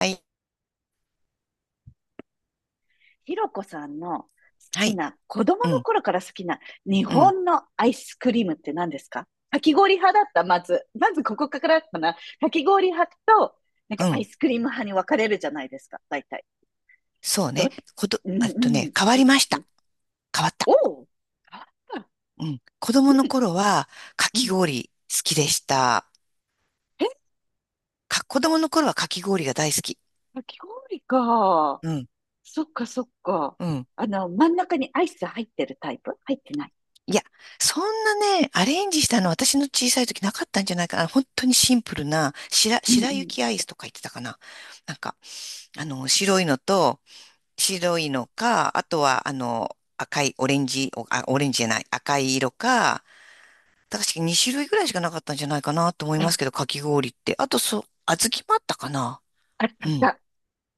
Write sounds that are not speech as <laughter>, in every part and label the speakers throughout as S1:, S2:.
S1: はい。
S2: ひろこさんの好
S1: は
S2: き
S1: い。
S2: な、子供
S1: う
S2: の
S1: ん。
S2: 頃から好きな日
S1: うん。
S2: 本のアイスクリームって何ですか？かき氷派だった、まず。まずここからかな。かき氷派と、なん
S1: う
S2: かアイ
S1: ん。
S2: スクリーム派に分かれるじゃないですか、大体。
S1: そう
S2: ど、
S1: ね。こと、
S2: うん
S1: えっ
S2: う
S1: と
S2: ん、
S1: ね、変わ
S2: どっ
S1: りまし
S2: ち？
S1: た。変わった。
S2: おう、あ、
S1: うん。子
S2: う
S1: 供の
S2: ん、
S1: 頃は、か
S2: う
S1: き
S2: ん。
S1: 氷好きでした。
S2: え、
S1: 子供の頃はかき氷が大好き。
S2: かき氷か。
S1: うん。
S2: そっかそっか。
S1: うん。
S2: あの、真ん中にアイス入ってるタイプ？入ってない？
S1: いや、そんなね、アレンジしたの私の小さい時なかったんじゃないかな。本当にシンプルな、
S2: うんう
S1: 白
S2: ん。
S1: 雪アイスとか言ってたかな。なんか、白いのと、白いのか、あとは、赤い、オレンジ、オレンジじゃない、赤い色か、確かに2種類ぐらいしかなかったんじゃないかなと思います
S2: あ、
S1: けど、かき氷って。あと、そう、小豆もあったかな。
S2: あったあ
S1: う
S2: っ
S1: ん、
S2: た。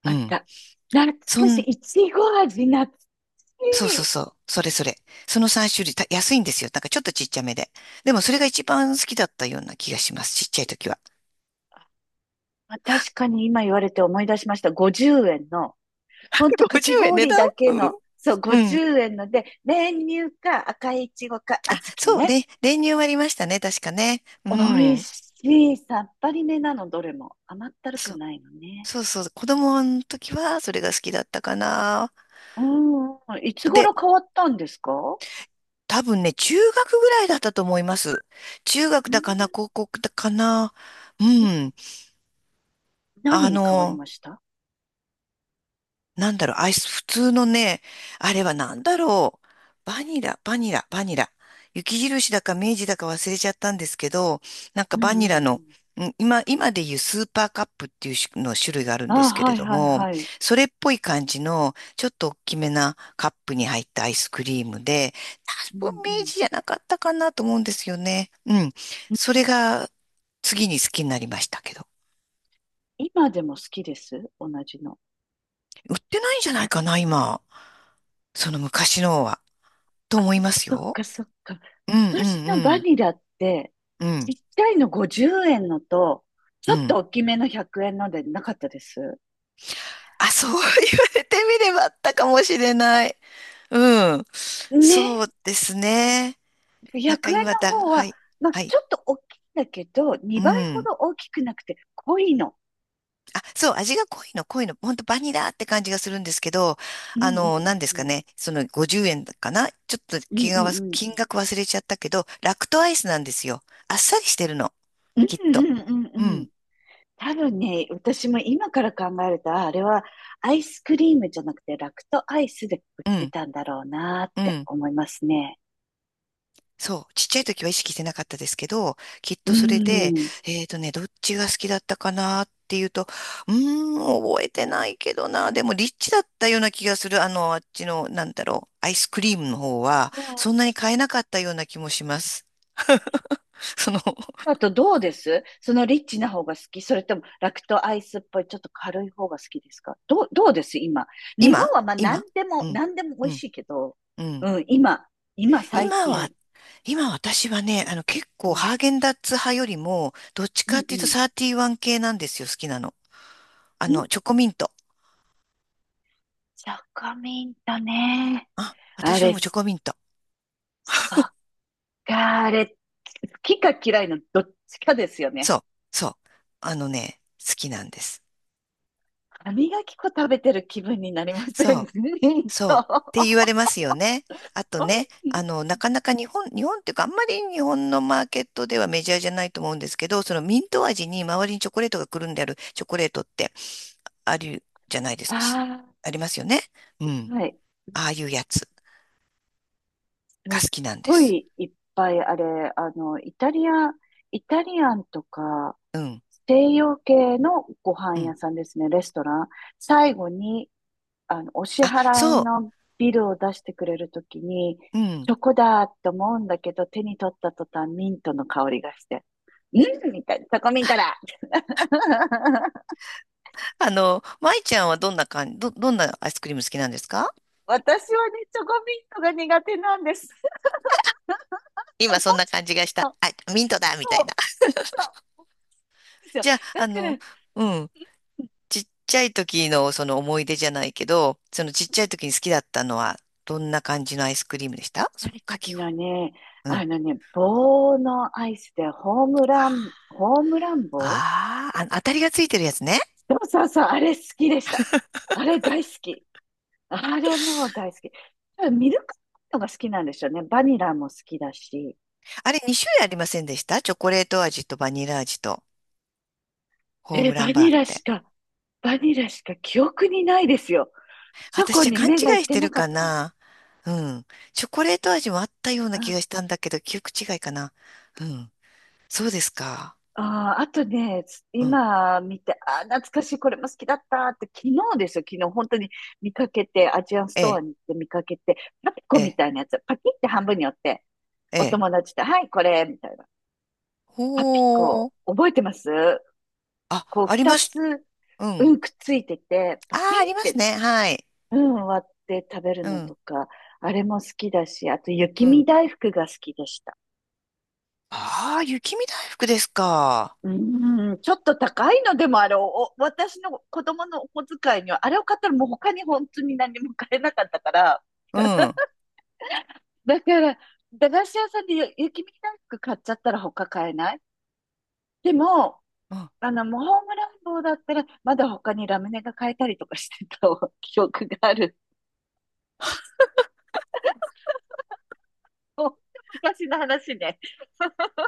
S1: う
S2: あっ
S1: ん。
S2: た。懐
S1: そ
S2: かし
S1: ん、
S2: い。いちご味、懐かし
S1: そう
S2: い。
S1: そうそう。それそれ。その3種類、安いんですよ。なんかちょっとちっちゃめで。でもそれが一番好きだったような気がします。ちっちゃい時は。
S2: あ、確かに今言われて思い出しました。50円の、ほんと
S1: <laughs>
S2: か
S1: 50
S2: き
S1: 円値
S2: 氷
S1: 段。
S2: だけ
S1: うん。
S2: の、そう、
S1: うん。
S2: 50円ので、練乳か赤いいちごか小
S1: そう、
S2: 豆ね。
S1: 練乳もありましたね。確かね。う
S2: 美味
S1: ん。
S2: しい。さっぱりめなの、どれも。甘ったるく
S1: そう、
S2: ないのね。
S1: そうそう。子供の時はそれが好きだったかな。
S2: うん。いつ
S1: で、
S2: 頃変わったんですか？
S1: 多分ね、中学ぐらいだったと思います。中
S2: う
S1: 学だ
S2: ん。
S1: かな、高校だかな。うん。あ
S2: 何に変わり
S1: の、
S2: ました？
S1: なんだろう、アイス、普通のね、あれはなんだろう、バニラ、バニラ、バニラ。雪印だか明治だか忘れちゃったんですけど、なんか
S2: うんう
S1: バ
S2: んう
S1: ニラの、
S2: ん。
S1: 今でいうスーパーカップっていう種の種類があるんで
S2: あ、
S1: すけ
S2: は
S1: れ
S2: い
S1: ど
S2: はい
S1: も、
S2: はい。
S1: それっぽい感じの、ちょっと大きめなカップに入ったアイスクリームで、
S2: う
S1: 多
S2: ん
S1: 分
S2: う
S1: 明
S2: ん。
S1: 治じゃなかったかなと思うんですよね。うん。
S2: う
S1: それ
S2: ん。
S1: が次に好きになりましたけど。
S2: 今でも好きです。同じの。
S1: 売ってないんじゃないかな、今。その昔のは。と思います
S2: そっ
S1: よ。
S2: かそっか。
S1: うんうん
S2: 昔
S1: う
S2: のバ
S1: ん。
S2: ニラって、
S1: う
S2: ちっ
S1: ん
S2: ちゃいの50円のと、ち
S1: う
S2: ょっと
S1: ん。
S2: 大きめの100円のでなかったです？
S1: あ、そう言われてみればあったかもしれない。うん。
S2: ね。
S1: そうですね。なんか
S2: 100円
S1: 今
S2: の
S1: だ、
S2: 方
S1: は
S2: は、
S1: い。
S2: まあ、
S1: はい。
S2: ちょっと大きいんだけど、
S1: う
S2: 2倍ほ
S1: ん。
S2: ど大きくなくて濃いの。
S1: あ、そう、味が濃いの、濃いの。ほんとバニラって感じがするんですけど、
S2: うんうんうん
S1: 何です
S2: う
S1: か
S2: ん。
S1: ね。その50円かなちょっと
S2: うん
S1: 金
S2: うん
S1: 額は、
S2: うん。
S1: 忘れちゃったけど、ラクトアイスなんですよ。あっさりしてるの、
S2: うん
S1: きっと。
S2: うんう
S1: う
S2: んうん。
S1: ん。
S2: 多分ね、私も今から考えると、ああれはアイスクリームじゃなくてラクトアイスで売っ
S1: う
S2: て
S1: ん。
S2: たんだろうなっ
S1: う
S2: て
S1: ん。
S2: 思いますね。
S1: そう、ちっちゃい時は意識してなかったですけど、きっ
S2: う
S1: とそれで、
S2: ん。
S1: どっちが好きだったかなっていうと、うー覚えてないけどな、でもリッチだったような気がする、あっちの、なんだろう、アイスクリームの方は、
S2: う
S1: そん
S2: ん。
S1: なに買えなかったような気もします。<laughs> その、
S2: だとどうです？そのリッチな方が好き？それともラクトアイスっぽいちょっと軽い方が好きですか？どうです今？日本
S1: 今
S2: はまあ何
S1: 今
S2: でも、
S1: うん、
S2: 何でも美
S1: う
S2: 味し
S1: ん、
S2: いけど、
S1: うん。
S2: うん、今最
S1: 今
S2: 近。
S1: は、今私はね、結
S2: う
S1: 構
S2: ん、
S1: ハーゲンダッツ派よりも、どっち
S2: う
S1: か
S2: ん、
S1: っていうと
S2: う
S1: サーティワン系なんですよ、好きなの。
S2: ん。うん、
S1: チョコミント。
S2: チョコミントね。
S1: あ、
S2: あ
S1: 私は
S2: れ、
S1: もうチョ
S2: そっ
S1: コミント。
S2: か、あれ、好きか嫌いのどっちかですよね。
S1: そう、そう。あのね、好きなんです。
S2: 歯磨き粉食べてる気分になりませ
S1: そう、
S2: ん？ <laughs> ミント。
S1: そう。って言
S2: <laughs>
S1: われますよね。あとね、なかなか日本、日本っていうか、あんまり日本のマーケットではメジャーじゃないと思うんですけど、そのミント味に周りにチョコレートがくるんであるチョコレートってあるじゃないですか。
S2: ああ、
S1: ありますよね。うん。
S2: はい。
S1: ああいうやつ
S2: す
S1: が
S2: っ
S1: 好きなんで
S2: ご
S1: す。
S2: いいっぱいあれ、あの、イタリアンとか、
S1: うん、
S2: 西洋系のご飯
S1: うん。
S2: 屋さんですね、レストラン。最後に、お支
S1: あ、
S2: 払い
S1: そ
S2: のビルを出してくれるときに、
S1: う、うん。
S2: チョコだと思うんだけど、手に取った途端、ミントの香りがして。うんみたいな、チョコミントだ。 <laughs>
S1: 舞ちゃんはどんな感じ、どんなアイスクリーム好きなんですか？
S2: 私はね、チョコミントが苦手なんです。<laughs> おも
S1: 今そんな
S2: ち
S1: 感じがした。
S2: ろ
S1: あ、ミントだみた
S2: そ
S1: いな。
S2: う、そうですよ。
S1: じゃあ、
S2: だから、
S1: うん、ちっちゃい時のその思い出じゃないけど、そのちっちゃい時に好きだったのは、どんな感じのアイスクリームでした？
S2: ちっ
S1: その
S2: い
S1: か
S2: 時
S1: き氷。
S2: のね、
S1: う
S2: あ
S1: ん。
S2: のね、棒のアイスでホームラン棒？
S1: あーあ、当たりがついてるやつね。
S2: そうそうそう、あれ好きでした。あれ大好き。あれもう大好き。多分ミルクのが好きなんですよね。バニラも好きだし。
S1: あれ2種類ありませんでした？チョコレート味とバニラ味と、ホー
S2: え、
S1: ムラ
S2: バ
S1: ンバー
S2: ニ
S1: っ
S2: ラし
S1: て。
S2: か、バニラしか記憶にないですよ。チョ
S1: 私
S2: コ
S1: じゃ
S2: に
S1: 勘違
S2: 目がいっ
S1: いし
S2: て
S1: て
S2: な
S1: る
S2: かっ
S1: か
S2: たか
S1: な。うん。チョコレート味もあったような気
S2: ら。
S1: がしたんだけど、記憶違いかな。うん。そうですか。
S2: ああ、あとね、
S1: うん。
S2: 今見て、ああ、懐かしい、これも好きだったって、昨日ですよ、昨日、本当に見かけて、アジアンス
S1: え
S2: トア
S1: え、
S2: に行って見かけて、パピコ
S1: え
S2: み
S1: え、
S2: たいなやつ、パキって半分に折って、
S1: え
S2: お
S1: え。
S2: 友達と、はい、これ、みたいな。パピ
S1: ほ
S2: コ、
S1: ー。
S2: 覚えてます？
S1: あ、
S2: こう、
S1: あり
S2: 二
S1: ました。
S2: つ、
S1: う
S2: う
S1: ん。
S2: ん、くっついてて、パ
S1: あ
S2: キ
S1: あ、あ
S2: ン
S1: り
S2: っ
S1: ます
S2: て、
S1: ね。はい。
S2: うん、割って食べる
S1: う
S2: の
S1: ん。
S2: とか、あれも好きだし、あと、雪
S1: う
S2: 見
S1: ん。
S2: 大福が好きでした。
S1: ああ、雪見大福ですか。
S2: うーん、ちょっと高いのでもあれを、私の子供のお小遣いには、あれを買ったらもう他に本当に何も買えなかったから、
S1: うん。う
S2: だから、駄菓子屋さんで雪見大福買っちゃったら他買えない。でも、
S1: ん。
S2: もうホームランボーだったら、まだ他にラムネが買えたりとかしてた <laughs> 記憶がある。ほんと昔の話ね。<laughs>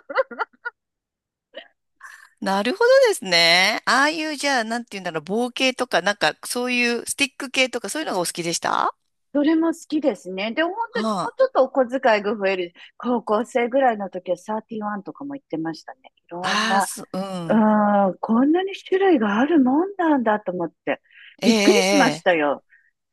S1: なるほどですね。ああいう、じゃあ、なんていうんだろう、棒系とか、なんか、そういう、スティック系とか、そういうのがお好きでしたは？
S2: どれも好きですね。で、本当にも
S1: あ。
S2: うちょっとお小遣いが増える。高校生ぐらいの時はサーティワンとかも行ってましたね。いろん
S1: ああ、
S2: な、
S1: そ、うん。
S2: うん、こんなに種類があるもんなんだと思って、
S1: ええ、
S2: び
S1: え
S2: っくりしま
S1: え。え
S2: し
S1: え。
S2: たよ。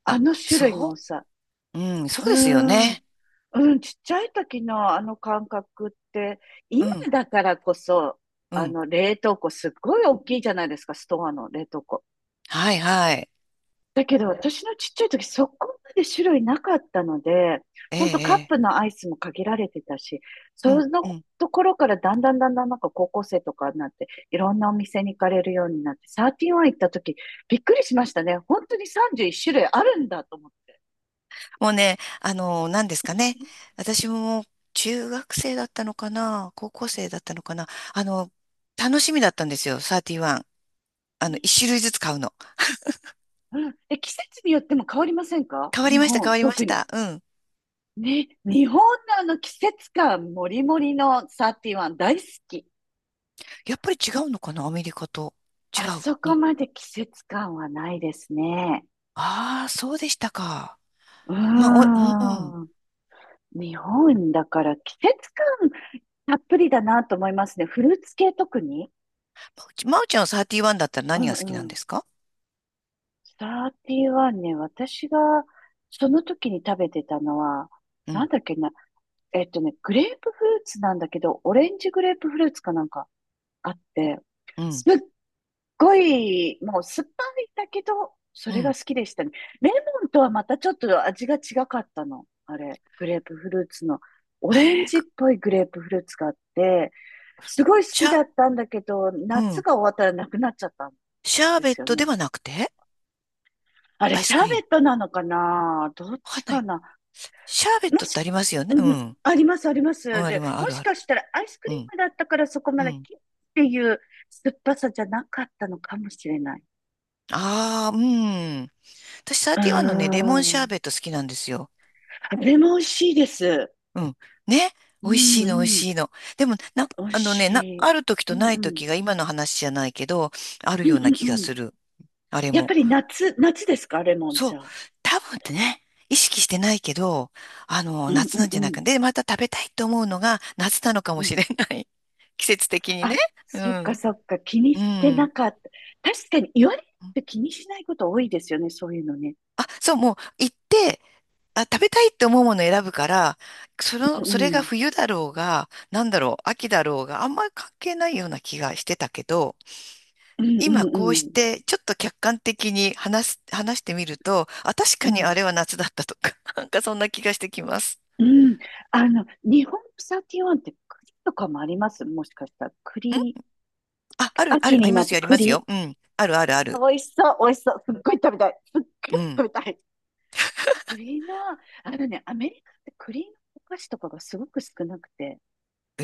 S2: あ
S1: あ、
S2: の種類の
S1: そ
S2: 多さ。
S1: う。うん、そう
S2: う
S1: ですよ
S2: ん、
S1: ね。
S2: うん、ちっちゃい時のあの感覚って、
S1: う
S2: 今
S1: ん、
S2: だからこそ、
S1: う
S2: あ
S1: ん。
S2: の冷凍庫すっごい大きいじゃないですか、ストアの冷凍庫。
S1: はい、はい。
S2: だけど、私のちっちゃい時、そこまで種類なかったので、
S1: え
S2: ほんとカッ
S1: え、
S2: プのアイスも限られてたし、
S1: ええ。う
S2: そ
S1: ん、う
S2: の
S1: ん。
S2: ところからだんだんだんだんなんか高校生とかになって、いろんなお店に行かれるようになって、サーティワン行った時、びっくりしましたね。本当に31種類あるんだと思って。
S1: もうね、何ですかね。私も中学生だったのかな、高校生だったのかな。あの、楽しみだったんですよ、サーティワン。一種類ずつ買うの。
S2: うん。で、季節によっても変わりませんか？
S1: 変わり
S2: 日
S1: ました、変
S2: 本、
S1: わりまし
S2: 特に。
S1: た。うん。
S2: ね、日本のあの季節感もりもりのサーティワン大好き。
S1: やっぱり違うのかな、アメリカと。違
S2: あ
S1: う。
S2: そこ
S1: に。
S2: まで季節感はないですね。
S1: ああ、そうでしたか。
S2: うー
S1: まあ、うん。
S2: ん。日本だから季節感たっぷりだなと思いますね。フルーツ系特に。
S1: まうちまおちゃんはサーティワンだったら
S2: う
S1: 何が好きな
S2: んう
S1: ん
S2: ん。
S1: ですか？
S2: サーティワンね、私がその時に食べてたのは、
S1: う
S2: なん
S1: ん、
S2: だっけな、グレープフルーツなんだけど、オレンジグレープフルーツかなんかあって、
S1: う
S2: す
S1: ん、
S2: っごい、もう酸っぱいんだけど、そ
S1: う
S2: れが
S1: ん。
S2: 好きでしたね。レモンとはまたちょっと味が違かったの。あれ、グレープフルーツの、オレン
S1: えー、
S2: ジっ
S1: く
S2: ぽいグレープフルーツがあって、すごい好
S1: シ
S2: き
S1: ャ、
S2: だったんだけど、
S1: う
S2: 夏
S1: ん。
S2: が終わったらなくなっちゃったん
S1: シャー
S2: で
S1: ベッ
S2: すよ
S1: トで
S2: ね。
S1: はなくて、
S2: あれ、
S1: アイ
S2: シ
S1: ス
S2: ャ
S1: ク
S2: ー
S1: リー
S2: ベ
S1: ム。
S2: ットなのかな？どっ
S1: わか
S2: ち
S1: んな
S2: か
S1: い。
S2: な？
S1: シャーベッ
S2: も
S1: トっ
S2: し、
S1: てありますよね。
S2: う
S1: う
S2: ん、
S1: ん。
S2: あります、あります。
S1: うん、あり
S2: で、
S1: ます。あ
S2: も
S1: る
S2: し
S1: ある。
S2: かしたらアイスク
S1: う
S2: リー
S1: ん。
S2: ムだったからそこま
S1: う
S2: で
S1: ん。
S2: キッっていう酸っぱさじゃなかったのかもしれない。
S1: ああ、うん。私、サー
S2: うー
S1: ティワンのね、レモンシャー
S2: ん。
S1: ベット好きなんですよ。
S2: あれも美味しいです。
S1: うん。ね。
S2: う
S1: 美味
S2: ん
S1: しいの、美味
S2: うん。
S1: しいの。でも、
S2: 美味
S1: あの
S2: し
S1: ね、
S2: い。
S1: ある時
S2: う
S1: と
S2: ん
S1: な
S2: う
S1: い
S2: ん。
S1: 時が今の話じゃないけど、ある
S2: うん
S1: ような気
S2: うん
S1: が
S2: うん。
S1: する。あれ
S2: やっぱ
S1: も。
S2: り夏ですか、レモン
S1: そ
S2: じ
S1: う。
S2: ゃあ？
S1: 多分ってね、意識してないけど、
S2: うん
S1: 夏
S2: う
S1: な
S2: ん
S1: んじ
S2: う
S1: ゃない
S2: ん。
S1: か。で、また食べたいと思うのが夏なのか
S2: う
S1: も
S2: ん。
S1: しれない。<laughs> 季節的にね。
S2: あ、
S1: う
S2: そっか
S1: ん。
S2: そっか。気に
S1: う
S2: してな
S1: ん。
S2: かった。確かに言われて気にしないこと多いですよね、そういうのね。
S1: あ、そう、もう行って、あ、食べたいって思うものを選ぶから、
S2: う
S1: それが
S2: ん
S1: 冬だろうが、なんだろう、秋だろうがあんまり関係ないような気がしてたけど、
S2: うん。うん
S1: 今
S2: うん
S1: こうし
S2: うん。
S1: てちょっと客観的に話してみると、あ、確
S2: う
S1: かに
S2: ん。
S1: あれは夏だったとか、<laughs> なんかそんな気がしてきます。
S2: うん。あの、日本サーティワンって栗とかもあります？もしかしたら。
S1: ん
S2: 栗、
S1: あ、ある、あ
S2: 秋
S1: る、あ
S2: に
S1: りま
S2: なっ
S1: す
S2: て
S1: よ、ありますよ。
S2: 栗。
S1: うん。ある、ある、ある。
S2: 美味しそう、美味しそう。すっごい食べたい。すっごい
S1: うん。
S2: 食べたい。栗の、あのね、アメリカって栗のお菓子とかがすごく少なくて、
S1: え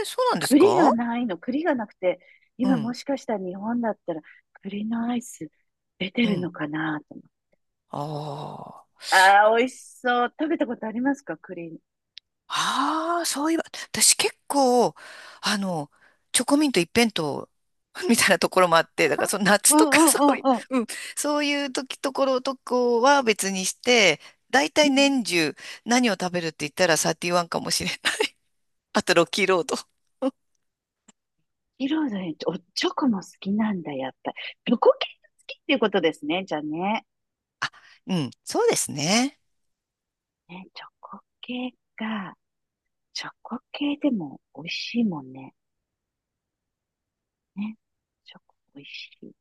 S1: え、そうなんです
S2: 栗
S1: か？
S2: がないの、栗がなくて、
S1: う
S2: 今も
S1: ん、
S2: しかしたら日本だったら栗のアイス出て
S1: う
S2: るの
S1: ん。
S2: かなと思って。
S1: ああ。
S2: ああ、美味しそう。食べたことありますか？栗。
S1: ああ、そういえば、私結構、あの、チョコミント一辺倒 <laughs> みたいなところもあって、だからその夏
S2: うん
S1: と
S2: う
S1: か <laughs>
S2: ん
S1: そういう、
S2: うんうん。
S1: うん、そういう時、ところとこは別にして、だいた
S2: うん
S1: い
S2: うん。
S1: 年中何を食べるって言ったらサーティワンかもしれない。<laughs> あとロッキーロード。<laughs>
S2: 色ロおチョコも好きなんだ、やっぱり。チョコ系が好きっていうことですね、じゃあね。
S1: うん、そうですね。
S2: ね、チョコ系か。チョコ系でも美味しいもんね。ね、チョコ美味しい。